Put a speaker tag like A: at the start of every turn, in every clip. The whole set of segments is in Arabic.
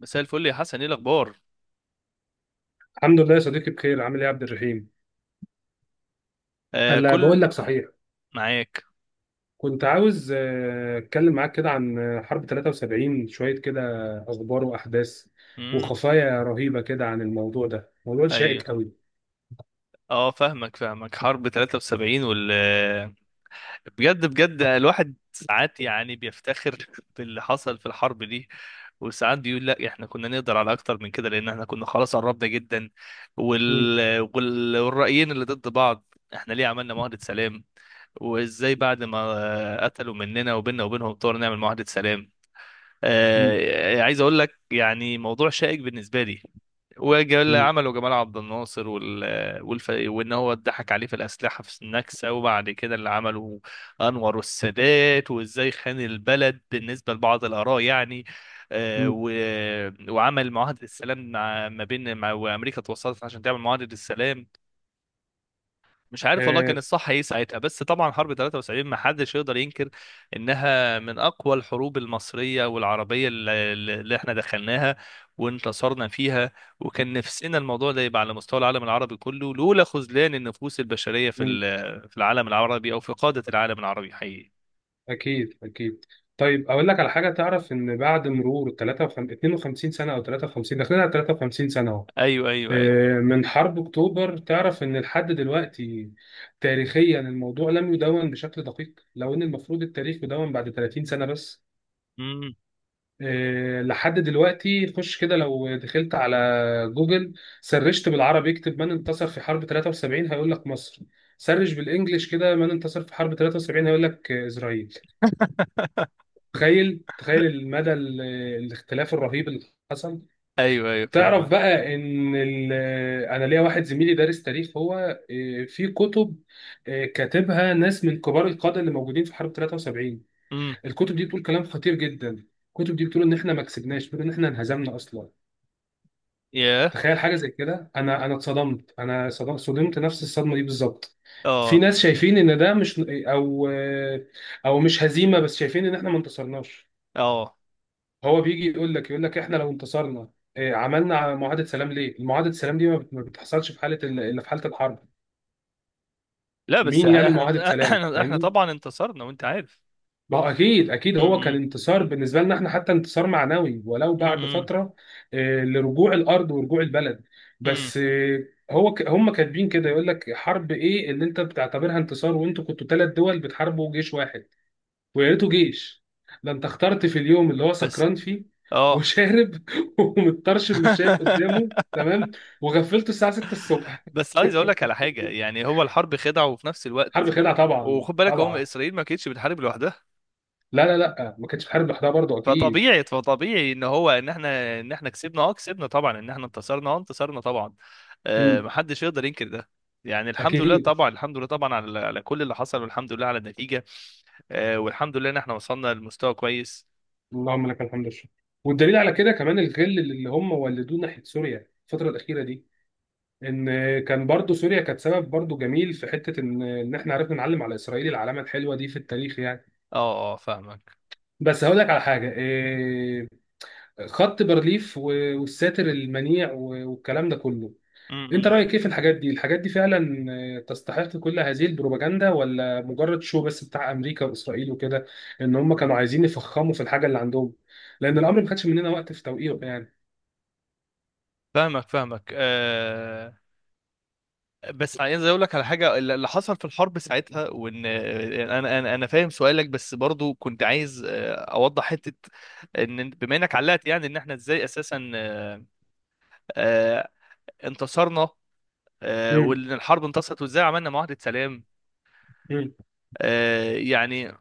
A: مساء الفل يا حسن، ايه الاخبار؟
B: الحمد لله يا صديقي بخير، عامل ايه يا عبد الرحيم؟
A: آه،
B: هلا، بقول
A: كل
B: لك صحيح،
A: معاك.
B: كنت عاوز اتكلم معاك كده عن حرب 73 شويه كده، اخبار واحداث
A: امم.
B: وخفايا رهيبه كده عن الموضوع ده، موضوع شائك
A: ايوه.
B: قوي.
A: اه، فاهمك فاهمك حرب 73 بجد بجد الواحد ساعات يعني بيفتخر باللي حصل في الحرب دي. وساعات بيقول لا، احنا كنا نقدر على اكتر من كده، لان احنا كنا خلاص قربنا جدا.
B: مم.
A: والرأيين اللي ضد بعض. احنا ليه عملنا معاهدة سلام؟ وازاي بعد ما قتلوا مننا وبيننا وبينهم طور نعمل معاهدة سلام؟
B: مم.
A: عايز اقول لك يعني موضوع شائك بالنسبه لي. وجمال
B: مم.
A: عمله جمال عبد الناصر، وان هو اتضحك عليه في الاسلحه في النكسه. وبعد كده اللي عمله انور السادات وازاي خان البلد بالنسبه لبعض الاراء يعني. آه،
B: مم.
A: و... وعمل معاهده السلام، مع... ما بين مع... وامريكا توصلت عشان تعمل معاهده السلام. مش عارف والله
B: آه.
A: كان الصح ايه ساعتها. بس طبعا حرب 73 ما حدش يقدر ينكر انها من اقوى الحروب المصريه والعربيه اللي احنا دخلناها وانتصرنا فيها. وكان نفسنا الموضوع ده يبقى على مستوى العالم العربي كله، لولا خذلان النفوس البشريه
B: مم.
A: في العالم العربي، او في قاده العالم العربي حقيقي.
B: اكيد اكيد. طيب، اقول لك على حاجه، تعرف ان بعد مرور 53 52 سنه او 53 داخلين على 53 سنه اهو،
A: ايوه ايوه ايوه.
B: من حرب أكتوبر؟ تعرف إن لحد دلوقتي تاريخيا الموضوع لم يدون بشكل دقيق، لو إن المفروض التاريخ يدون بعد 30 سنة بس.
A: امم.
B: لحد دلوقتي خش كده لو دخلت على جوجل، سرشت بالعربي اكتب من انتصر في حرب 73 هيقول لك مصر، سرش بالانجلش كده من انتصر في حرب 73 هيقول لك إسرائيل. تخيل تخيل المدى الاختلاف الرهيب اللي حصل.
A: ايوه ايوه،
B: تعرف
A: فاهمك.
B: بقى ان انا ليا واحد زميلي دارس تاريخ هو، في كتب كاتبها ناس من كبار القاده اللي موجودين في حرب 73.
A: امم.
B: الكتب دي بتقول كلام خطير جدا، الكتب دي بتقول ان احنا ما كسبناش، بتقول ان احنا انهزمنا اصلا.
A: ياه.
B: تخيل حاجه زي كده، انا اتصدمت، انا صدمت نفس الصدمه دي بالظبط. في
A: اه.
B: ناس شايفين ان ده مش او او مش هزيمه، بس شايفين ان احنا ما انتصرناش.
A: اه.
B: هو بيجي يقول لك احنا لو انتصرنا إيه، عملنا معاهده سلام ليه؟ المعاهده سلام دي ما بتحصلش في حاله الا في حاله الحرب.
A: لا، بس
B: مين يعمل
A: احنا،
B: معاهده سلام؟
A: احنا
B: فاهمني؟
A: طبعا انتصرنا، وانت عارف.
B: ما هو اكيد اكيد، هو كان
A: امم.
B: انتصار بالنسبه لنا احنا، حتى انتصار معنوي ولو بعد
A: امم.
B: فتره، إيه، لرجوع الارض ورجوع البلد.
A: امم.
B: بس إيه، هو هم كاتبين كده، يقول لك حرب ايه اللي انت بتعتبرها انتصار وانتوا كنتوا ثلاث دول بتحاربوا جيش واحد؟ ويا ريته جيش، ده انت اخترت في اليوم اللي هو
A: بس.
B: سكران فيه
A: اه.
B: وشارب ومتطرشم، مش شايف قدامه تمام، وغفلته الساعه 6 الصبح.
A: بس عايز اقول لك على حاجه. يعني هو الحرب خدعه، وفي نفس
B: حرب
A: الوقت
B: خدعه طبعا
A: وخد بالك، هم
B: طبعا.
A: اسرائيل ما كانتش بتحارب لوحدها.
B: لا لا لا، ما كانتش بحارب لوحدها برضه اكيد.
A: فطبيعي فطبيعي ان احنا كسبنا، اه كسبنا طبعا، ان احنا انتصرنا، اه انتصرنا طبعا. آه،
B: مم.
A: محدش يقدر ينكر ده. يعني الحمد لله
B: اكيد.
A: طبعا، الحمد لله طبعا على على كل اللي حصل، والحمد لله على النتيجه. آه، والحمد لله ان احنا وصلنا لمستوى كويس.
B: اللهم لك الحمد والشكر. والدليل على كده كمان الغل اللي هم ولدوه ناحيه سوريا الفتره الاخيره دي، ان كان برضه سوريا كانت سبب برضه جميل في حته ان احنا عرفنا نعلم على اسرائيل العلامه الحلوه دي في التاريخ يعني.
A: اه. اه، فاهمك.
B: بس هقول لك على حاجه، خط بارليف والساتر المنيع والكلام ده كله،
A: م-
B: انت
A: م.
B: رايك ايه في الحاجات دي؟ الحاجات دي فعلا تستحق كل هذه البروباجندا ولا مجرد شو بس بتاع امريكا واسرائيل وكده؟ ان هم كانوا عايزين يفخموا في الحاجه اللي عندهم، لان الامر ما خدش مننا وقت في توقيعه يعني.
A: فاهمك فاهمك. بس عايز اقول لك على حاجه. اللي حصل في الحرب ساعتها، وان انا فاهم سؤالك، بس برضو كنت عايز اوضح حته. ان بما انك علقت يعني، ان احنا ازاي اساسا آه، انتصرنا.
B: مم.
A: وان الحرب انتصرت وازاي عملنا معاهده سلام.
B: مم.
A: يعني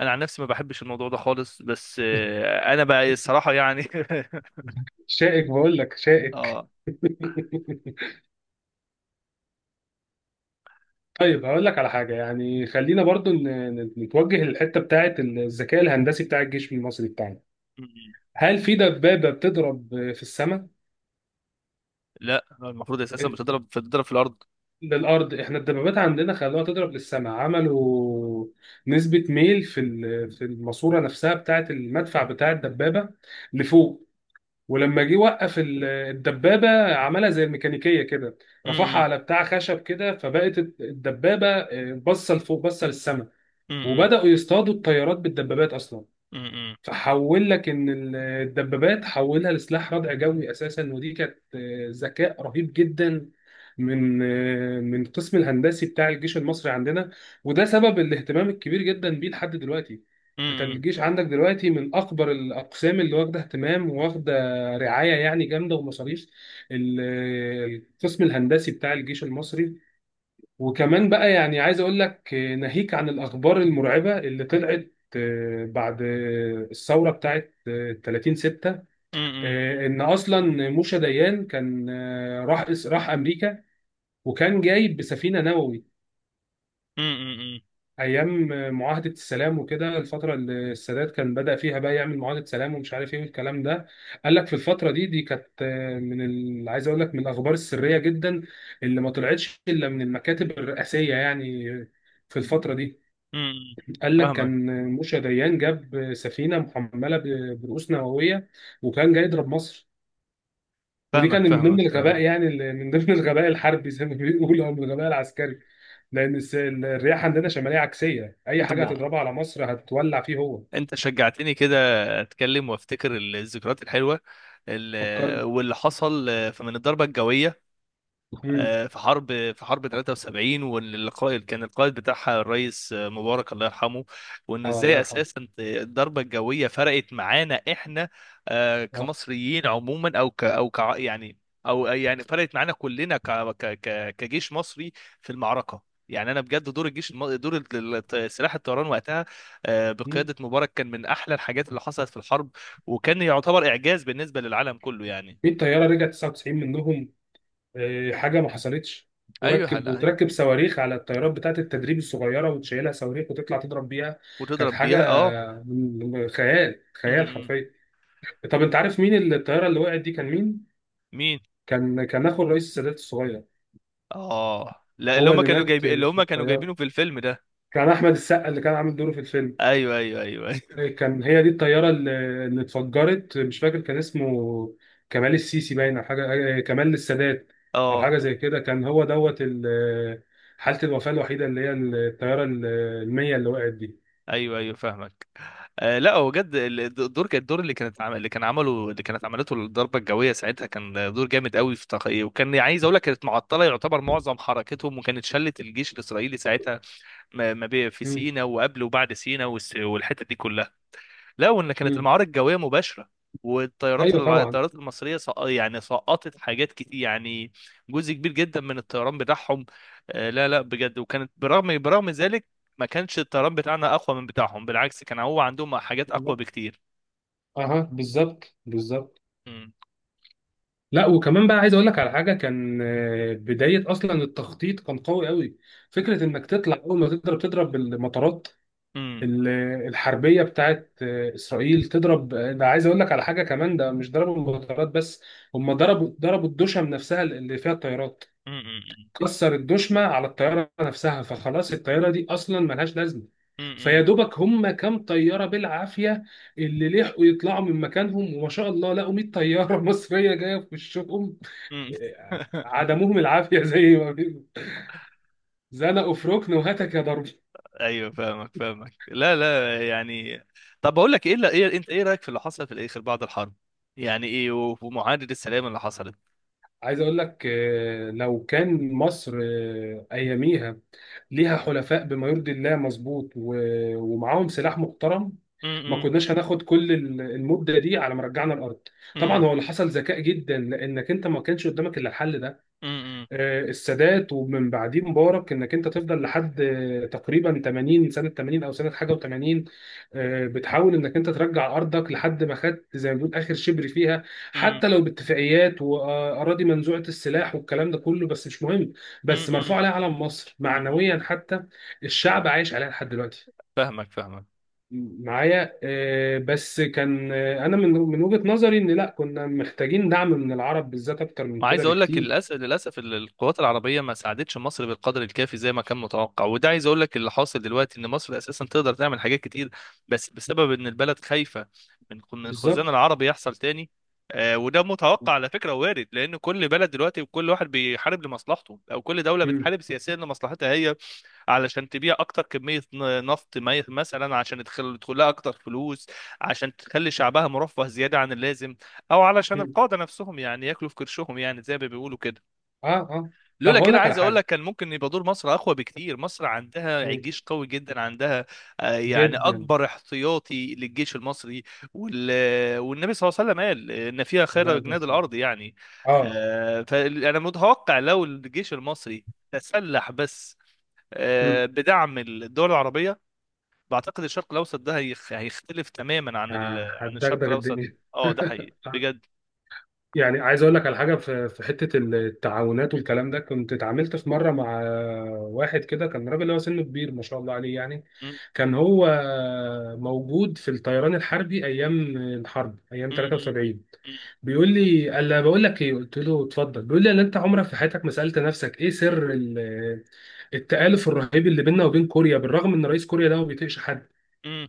A: انا عن نفسي ما بحبش الموضوع ده خالص. بس انا بقى الصراحه يعني
B: شائك بقول لك شائك.
A: اه.
B: طيب، هقول لك على حاجه يعني، خلينا برضو نتوجه للحته بتاعه الذكاء الهندسي بتاع الجيش المصري بتاعنا،
A: م-م.
B: هل في دبابه بتضرب في السماء؟
A: لا، المفروض اساسا بتضرب في الارض.
B: للأرض، احنا الدبابات عندنا خلوها تضرب للسماء، عملوا نسبة ميل في في الماسورة نفسها بتاعة المدفع بتاع الدبابة لفوق، ولما جه وقف الدبابة عملها زي الميكانيكية كده، رفعها
A: م-م.
B: على بتاع خشب كده، فبقت الدبابة باصة لفوق، باصة للسماء،
A: م-م.
B: وبدأوا يصطادوا الطيارات بالدبابات أصلا.
A: م-م.
B: فحول لك ان الدبابات حولها لسلاح ردع جوي اساسا، ودي كانت ذكاء رهيب جدا من القسم الهندسي بتاع الجيش المصري عندنا، وده سبب الاهتمام الكبير جدا بيه لحد دلوقتي. انت
A: م-م.
B: الجيش عندك دلوقتي من اكبر الاقسام اللي واخده اهتمام، واخده رعايه يعني جامده ومصاريف، ال- آه، القسم الهندسي بتاع الجيش المصري. وكمان بقى يعني عايز اقول لك ناهيك عن الاخبار المرعبه اللي طلعت بعد الثوره بتاعت 30 6،
A: م-م.
B: ان اصلا موشا ديان كان راح امريكا، وكان جاي بسفينه نووي
A: م-م. م-م.
B: ايام معاهده السلام وكده، الفتره اللي السادات كان بدأ فيها بقى يعمل معاهده سلام ومش عارف ايه والكلام ده. قال لك في الفتره دي كانت من عايز اقول لك من الاخبار السريه جدا اللي ما طلعتش الا من المكاتب الرئاسيه يعني في الفتره دي.
A: امم.
B: قال لك
A: فاهمك
B: كان موشى ديان جاب سفينه محمله برؤوس نوويه وكان جاي يضرب مصر، ودي
A: فاهمك.
B: كان من ضمن
A: فاهمك
B: الغباء
A: فاهمك.
B: يعني من ضمن الغباء الحربي زي ما بيقولوا، او من الغباء العسكري، لان الرياح عندنا شماليه عكسيه، اي
A: انت
B: حاجه
A: م... آه.
B: هتضربها على مصر هتولع فيه هو.
A: انت شجعتني كده، اتكلم وافتكر الذكريات الحلوه
B: فكرني.
A: واللي حصل من الضربه الجويه.
B: امم.
A: في حرب، في حرب 73. والقائد كان القائد بتاعها الرئيس مبارك الله يرحمه. وانه
B: اه الله
A: ازاي
B: يرحمه.
A: اساسا الضربه الجويه فرقت معانا احنا،
B: اه.
A: كمصريين عموما، او ك او ك يعني، او يعني فرقت معانا كلنا كجيش مصري في المعركه. يعني انا بجد دور سلاح الطيران وقتها،
B: مم.
A: بقياده مبارك كان من احلى الحاجات اللي حصلت في الحرب، وكان يعتبر اعجاز بالنسبه للعالم كله يعني.
B: في الطياره رجعت 99 منهم، حاجه ما حصلتش،
A: ايوه
B: وركب
A: هلا-
B: وتركب صواريخ على الطيارات بتاعت التدريب الصغيره، وتشيلها صواريخ وتطلع تضرب بيها، كانت
A: وتضرب
B: حاجه
A: بيها اه.
B: خيال، خيال حرفيا. طب انت عارف مين الطياره اللي وقعت دي كان مين؟
A: مين؟
B: كان اخو الرئيس السادات الصغير،
A: اه لا، اللي
B: هو
A: هم
B: اللي
A: كانوا
B: مات
A: جايبين، اللي
B: في
A: هم كانوا
B: الطياره،
A: جايبينه في الفيلم ده.
B: كان احمد السقا اللي كان عامل دوره في الفيلم،
A: ايوه ايوه ايوه، أيوة.
B: كان هي دي الطياره اللي اتفجرت، مش فاكر كان اسمه، كمال السيسي باين، او حاجه، كمال السادات، او
A: اه.
B: حاجه زي كده، كان هو دوت حاله الوفاه الوحيده، اللي هي الطياره المية اللي وقعت دي.
A: ايوه ايوه، فاهمك. آه لا، هو بجد الدور، كان الدور اللي كانت عمل اللي كان عمله اللي كانت عملته الضربه الجويه ساعتها، كان دور جامد قوي في تقييم. وكان عايز اقول لك، كانت معطله يعتبر معظم حركتهم، وكانت شلت الجيش الاسرائيلي ساعتها، ما ما بي- في
B: مم.
A: سينا وقبل وبعد سينا والحته دي كلها. لا، وان كانت
B: مم.
A: المعارك الجويه مباشره، والطيارات
B: ايوه طبعا.
A: الطيارات المصريه يعني سقطت حاجات كتير يعني، جزء كبير جدا من الطيران بتاعهم. لا لا بجد، وكانت برغم ذلك ما كانش الطيران بتاعنا اقوى من بتاعهم، بالعكس كان هو عندهم حاجات اقوى بكتير.
B: اها، بالظبط بالظبط.
A: مم.
B: لا وكمان بقى عايز اقول لك على حاجه، كان بدايه اصلا التخطيط كان قوي قوي، فكره انك تطلع اول ما تضرب المطارات،
A: مم.
B: ال- الحربيه بتاعت اسرائيل، تضرب ده عايز اقول لك على حاجه كمان، ده مش ضربوا المطارات بس، هم ضربوا الدشم نفسها اللي فيها الطيارات،
A: مم. مم.
B: كسر الدشمه على الطياره نفسها فخلاص الطياره دي اصلا ملهاش لازمه،
A: مم.
B: فيا دوبك هم كام طياره بالعافيه اللي لحقوا يطلعوا من مكانهم، وما شاء الله لقوا 100 طياره مصريه جايه في وشهم،
A: مم.
B: عدموهم العافيه زي ما بيقولوا، زنقوا في ركن وهتك يا ضرب.
A: ايوه فاهمك فاهمك. لا لا يعني. طب بقول لك ايه، لا ايه انت، ايه رايك في اللي حصل في الاخر بعد الحرب؟ يعني ايه، ومعاهده السلام اللي حصلت؟
B: عايز اقول لك لو كان مصر اياميها ليها حلفاء بما يرضي الله مظبوط ومعاهم سلاح محترم، ما
A: مم.
B: كناش هناخد كل المده دي على ما رجعنا الارض. طبعا
A: مم.
B: هو اللي حصل ذكاء جدا لانك انت ما كانش قدامك الا الحل ده،
A: مم.
B: السادات ومن بعديه مبارك، انك انت تفضل لحد تقريبا 80 سنه، 80 او سنه حاجه و80، بتحاول انك انت ترجع ارضك لحد ما خدت زي ما بيقول اخر شبر فيها،
A: امم.
B: حتى لو باتفاقيات واراضي منزوعه السلاح والكلام ده كله، بس مش مهم، بس
A: امم.
B: مرفوع عليها علم مصر
A: امم.
B: معنويا حتى، الشعب عايش عليها لحد دلوقتي.
A: فاهمك فاهمك.
B: معايا بس كان انا من وجهة نظري ان لا كنا محتاجين دعم من العرب بالذات اكتر من
A: وعايز
B: كده
A: اقول لك
B: بكتير.
A: للاسف للاسف القوات العربيه ما ساعدتش مصر بالقدر الكافي زي ما كان متوقع. وده عايز اقول لك اللي حاصل دلوقتي، ان مصر اساسا تقدر تعمل حاجات كتير، بس بسبب ان البلد خايفه من الخزان
B: بالظبط.
A: العربي يحصل تاني. آه، وده متوقع على فكره، وارد، لان كل بلد دلوقتي وكل واحد بيحارب لمصلحته، او كل دوله
B: مم.
A: بتحارب سياسيا لمصلحتها هي، علشان تبيع اكتر كميه نفط مثلا، عشان يدخل لها اكتر فلوس، عشان تخلي شعبها مرفه زياده عن اللازم، او علشان
B: مم.
A: القاده نفسهم يعني ياكلوا في كرشهم يعني زي ما بيقولوا كده.
B: اه اه. طب
A: لولا
B: هقول
A: كده
B: لك على
A: عايز اقول
B: حاجه.
A: لك كان ممكن يبقى دور مصر اقوى بكتير. مصر عندها
B: مم.
A: جيش قوي جدا، عندها يعني
B: جدا.
A: اكبر احتياطي للجيش المصري. وال... والنبي صلى الله عليه وسلم قال ان فيها خير
B: عليا
A: جناد
B: بس.
A: الارض يعني.
B: اه.
A: فانا متوقع لو الجيش المصري تسلح، بس
B: مم.
A: بدعم الدول العربية، بعتقد الشرق الأوسط ده هيختلف تماما عن عن
B: هتدغدغ
A: الشرق الأوسط.
B: الدنيا.
A: اه ده حقيقي بجد.
B: يعني عايز اقول لك على حاجه، في حته التعاونات والكلام ده، كنت اتعاملت في مره مع واحد كده، كان راجل هو سنه كبير ما شاء الله عليه يعني،
A: م-
B: كان هو موجود في الطيران الحربي ايام الحرب ايام
A: م- م-
B: 73.
A: م-
B: بيقول لي قال لي: بقول لك ايه؟ قلت له: اتفضل. بيقول لي: انا انت عمرك في حياتك ما سالت نفسك ايه سر التآلف الرهيب اللي بيننا وبين كوريا بالرغم ان رئيس كوريا ده ما بيطيقش حد؟
A: م-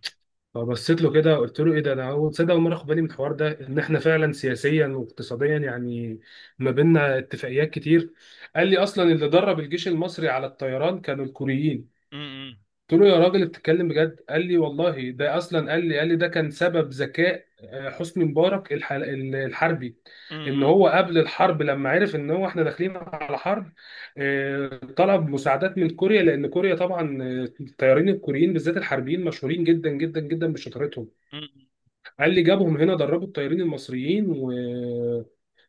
B: فبصيت له كده قلت له: ايه ده، انا اول تصدق اول مره اخد بالي من الحوار ده، ان احنا فعلا سياسيا واقتصاديا يعني ما بيننا اتفاقيات كتير. قال لي: اصلا اللي درب الجيش المصري على الطيران كانوا الكوريين.
A: م-
B: قلت له: يا راجل، بتتكلم بجد؟ قال لي: والله ده اصلا، قال لي ده كان سبب ذكاء حسني مبارك الحربي،
A: م-
B: ان
A: م-
B: هو قبل الحرب لما عرف ان هو احنا داخلين على حرب، طلب مساعدات من كوريا، لان كوريا طبعا الطيارين الكوريين بالذات الحربيين مشهورين جدا جدا جدا بشطارتهم،
A: م- م- م-
B: قال لي: جابهم هنا، دربوا الطيارين المصريين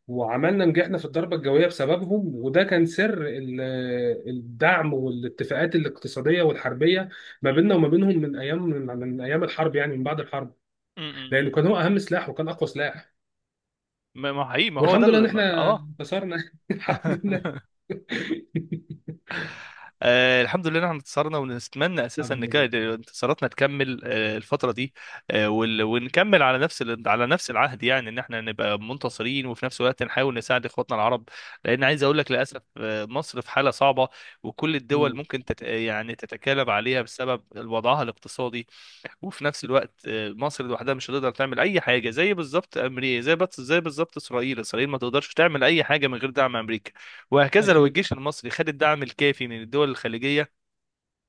B: نجحنا في الضربة الجوية بسببهم، وده كان سر الدعم والاتفاقات الاقتصادية والحربية ما بيننا وما بينهم من أيام، من أيام الحرب، يعني من بعد الحرب،
A: م-
B: لأنه
A: م-
B: كان هو أهم سلاح وكان أقوى سلاح.
A: ما هو حقيقي، ما هو ده
B: والحمد لله إن إحنا
A: اه.
B: انتصرنا، الحمد لله.
A: آه الحمد لله إن احنا انتصرنا، ونتمنى اساسا
B: الحمد
A: ان
B: لله.
A: كانت انتصاراتنا تكمل آه الفتره دي. آه ونكمل على نفس على نفس العهد، يعني ان احنا نبقى منتصرين، وفي نفس الوقت نحاول نساعد اخواتنا العرب، لان عايز اقول لك للاسف آه مصر في حاله صعبه، وكل الدول
B: مم.
A: ممكن تت يعني تتكالب عليها بسبب وضعها الاقتصادي. وفي نفس الوقت مصر لوحدها مش هتقدر تعمل اي حاجه، زي بالظبط امريكا، زي بس زي بالظبط اسرائيل، اسرائيل ما تقدرش تعمل اي حاجه من غير دعم امريكا. وهكذا لو
B: أكيد.
A: الجيش المصري خد الدعم الكافي من الدول الخليجيه،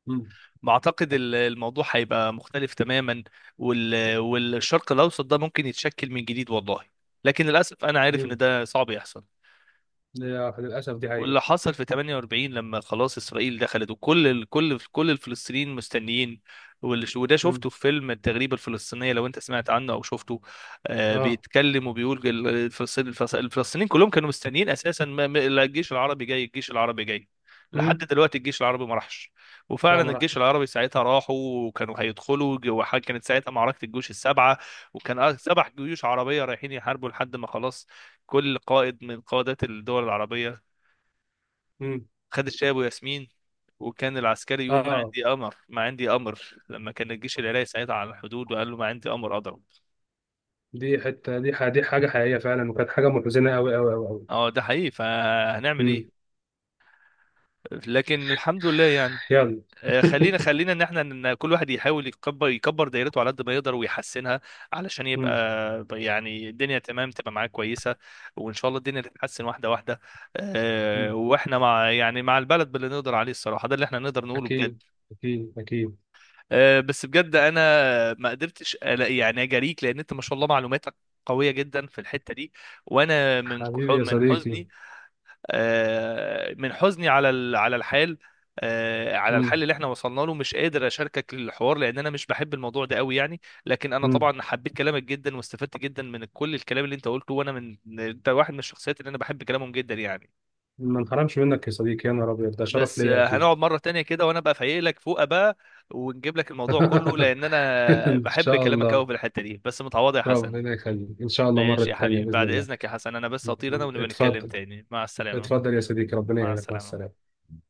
B: مم.
A: بعتقد الموضوع هيبقى مختلف تماما، والشرق الاوسط ده ممكن يتشكل من جديد والله. لكن للاسف انا عارف ان
B: مم.
A: ده صعب يحصل.
B: لا، للأسف دي حقيقة.
A: واللي حصل في 48 لما خلاص اسرائيل دخلت، وكل كل الفلسطينيين مستنيين. وده
B: مم.
A: شفته في فيلم التغريبه الفلسطينيه لو انت سمعت عنه او شفته. آه
B: آه.
A: بيتكلم وبيقول الفلسطينيين كلهم كانوا مستنيين اساسا، لا الجيش العربي جاي، الجيش العربي جاي. لحد
B: مم.
A: دلوقتي الجيش العربي ما راحش.
B: لا
A: وفعلا
B: ما
A: الجيش
B: راحش.
A: العربي ساعتها راحوا، وكانوا هيدخلوا كانت ساعتها معركه الجيوش السبعه. وكان سبع جيوش عربيه رايحين يحاربوا لحد ما خلاص كل قائد من قادات الدول العربية
B: مم.
A: خد الشاي ابو ياسمين. وكان العسكري يقول: ما
B: اه،
A: عندي امر، ما عندي امر. لما كان الجيش العراقي ساعتها على الحدود، وقال له ما عندي امر اضرب.
B: دي حته دي ح- دي حاجه حقيقيه فعلا، وكانت حاجه محزنه قوي قوي قوي قوي.
A: اه ده حقيقي، فهنعمل ايه.
B: امم.
A: لكن الحمد لله يعني.
B: يلا.
A: خلينا خلينا ان احنا ان كل واحد يحاول يكبر، يكبر دايرته على قد ما يقدر ويحسنها، علشان يبقى
B: امم.
A: يعني الدنيا تمام تبقى معاه كويسه. وان شاء الله الدنيا تتحسن واحده واحده.
B: أمم.
A: واحنا مع يعني مع البلد باللي نقدر عليه، الصراحه ده اللي احنا نقدر نقوله بجد.
B: اكيد. اكيد اكيد.
A: بس بجد انا ما قدرتش ألاقي يعني اجاريك، لان انت ما شاء الله معلوماتك قويه جدا في الحته دي. وانا من
B: حبيبي يا
A: من
B: صديقي.
A: حزني، من حزني على على الحال، على الحل
B: امم.
A: اللي احنا وصلنا له، مش قادر اشاركك الحوار، لان انا مش بحب الموضوع ده قوي يعني. لكن انا
B: امم.
A: طبعا حبيت كلامك جدا، واستفدت جدا من كل الكلام اللي انت قلته. وانا من انت واحد من الشخصيات اللي انا بحب كلامهم جدا يعني.
B: ما انحرمش منك يا صديقي، يا نهار ابيض، ده شرف
A: بس
B: ليا اكيد.
A: هنقعد مرة تانية كده وانا بقى فايق لك فوقه بقى، ونجيب لك الموضوع كله، لان انا
B: ان
A: بحب
B: شاء
A: كلامك قوي
B: الله.
A: في الحتة دي. بس متعوضة يا حسن.
B: ربنا يخليك، ان شاء الله مره
A: ماشي يا
B: تانية
A: حبيبي.
B: باذن
A: بعد
B: الله.
A: اذنك يا حسن، انا بس هطير انا، ونبقى نتكلم
B: اتفضل.
A: تاني. مع السلامة.
B: اتفضل يا صديقي، ربنا
A: مع
B: يعينك، مع
A: السلامة.
B: السلامه.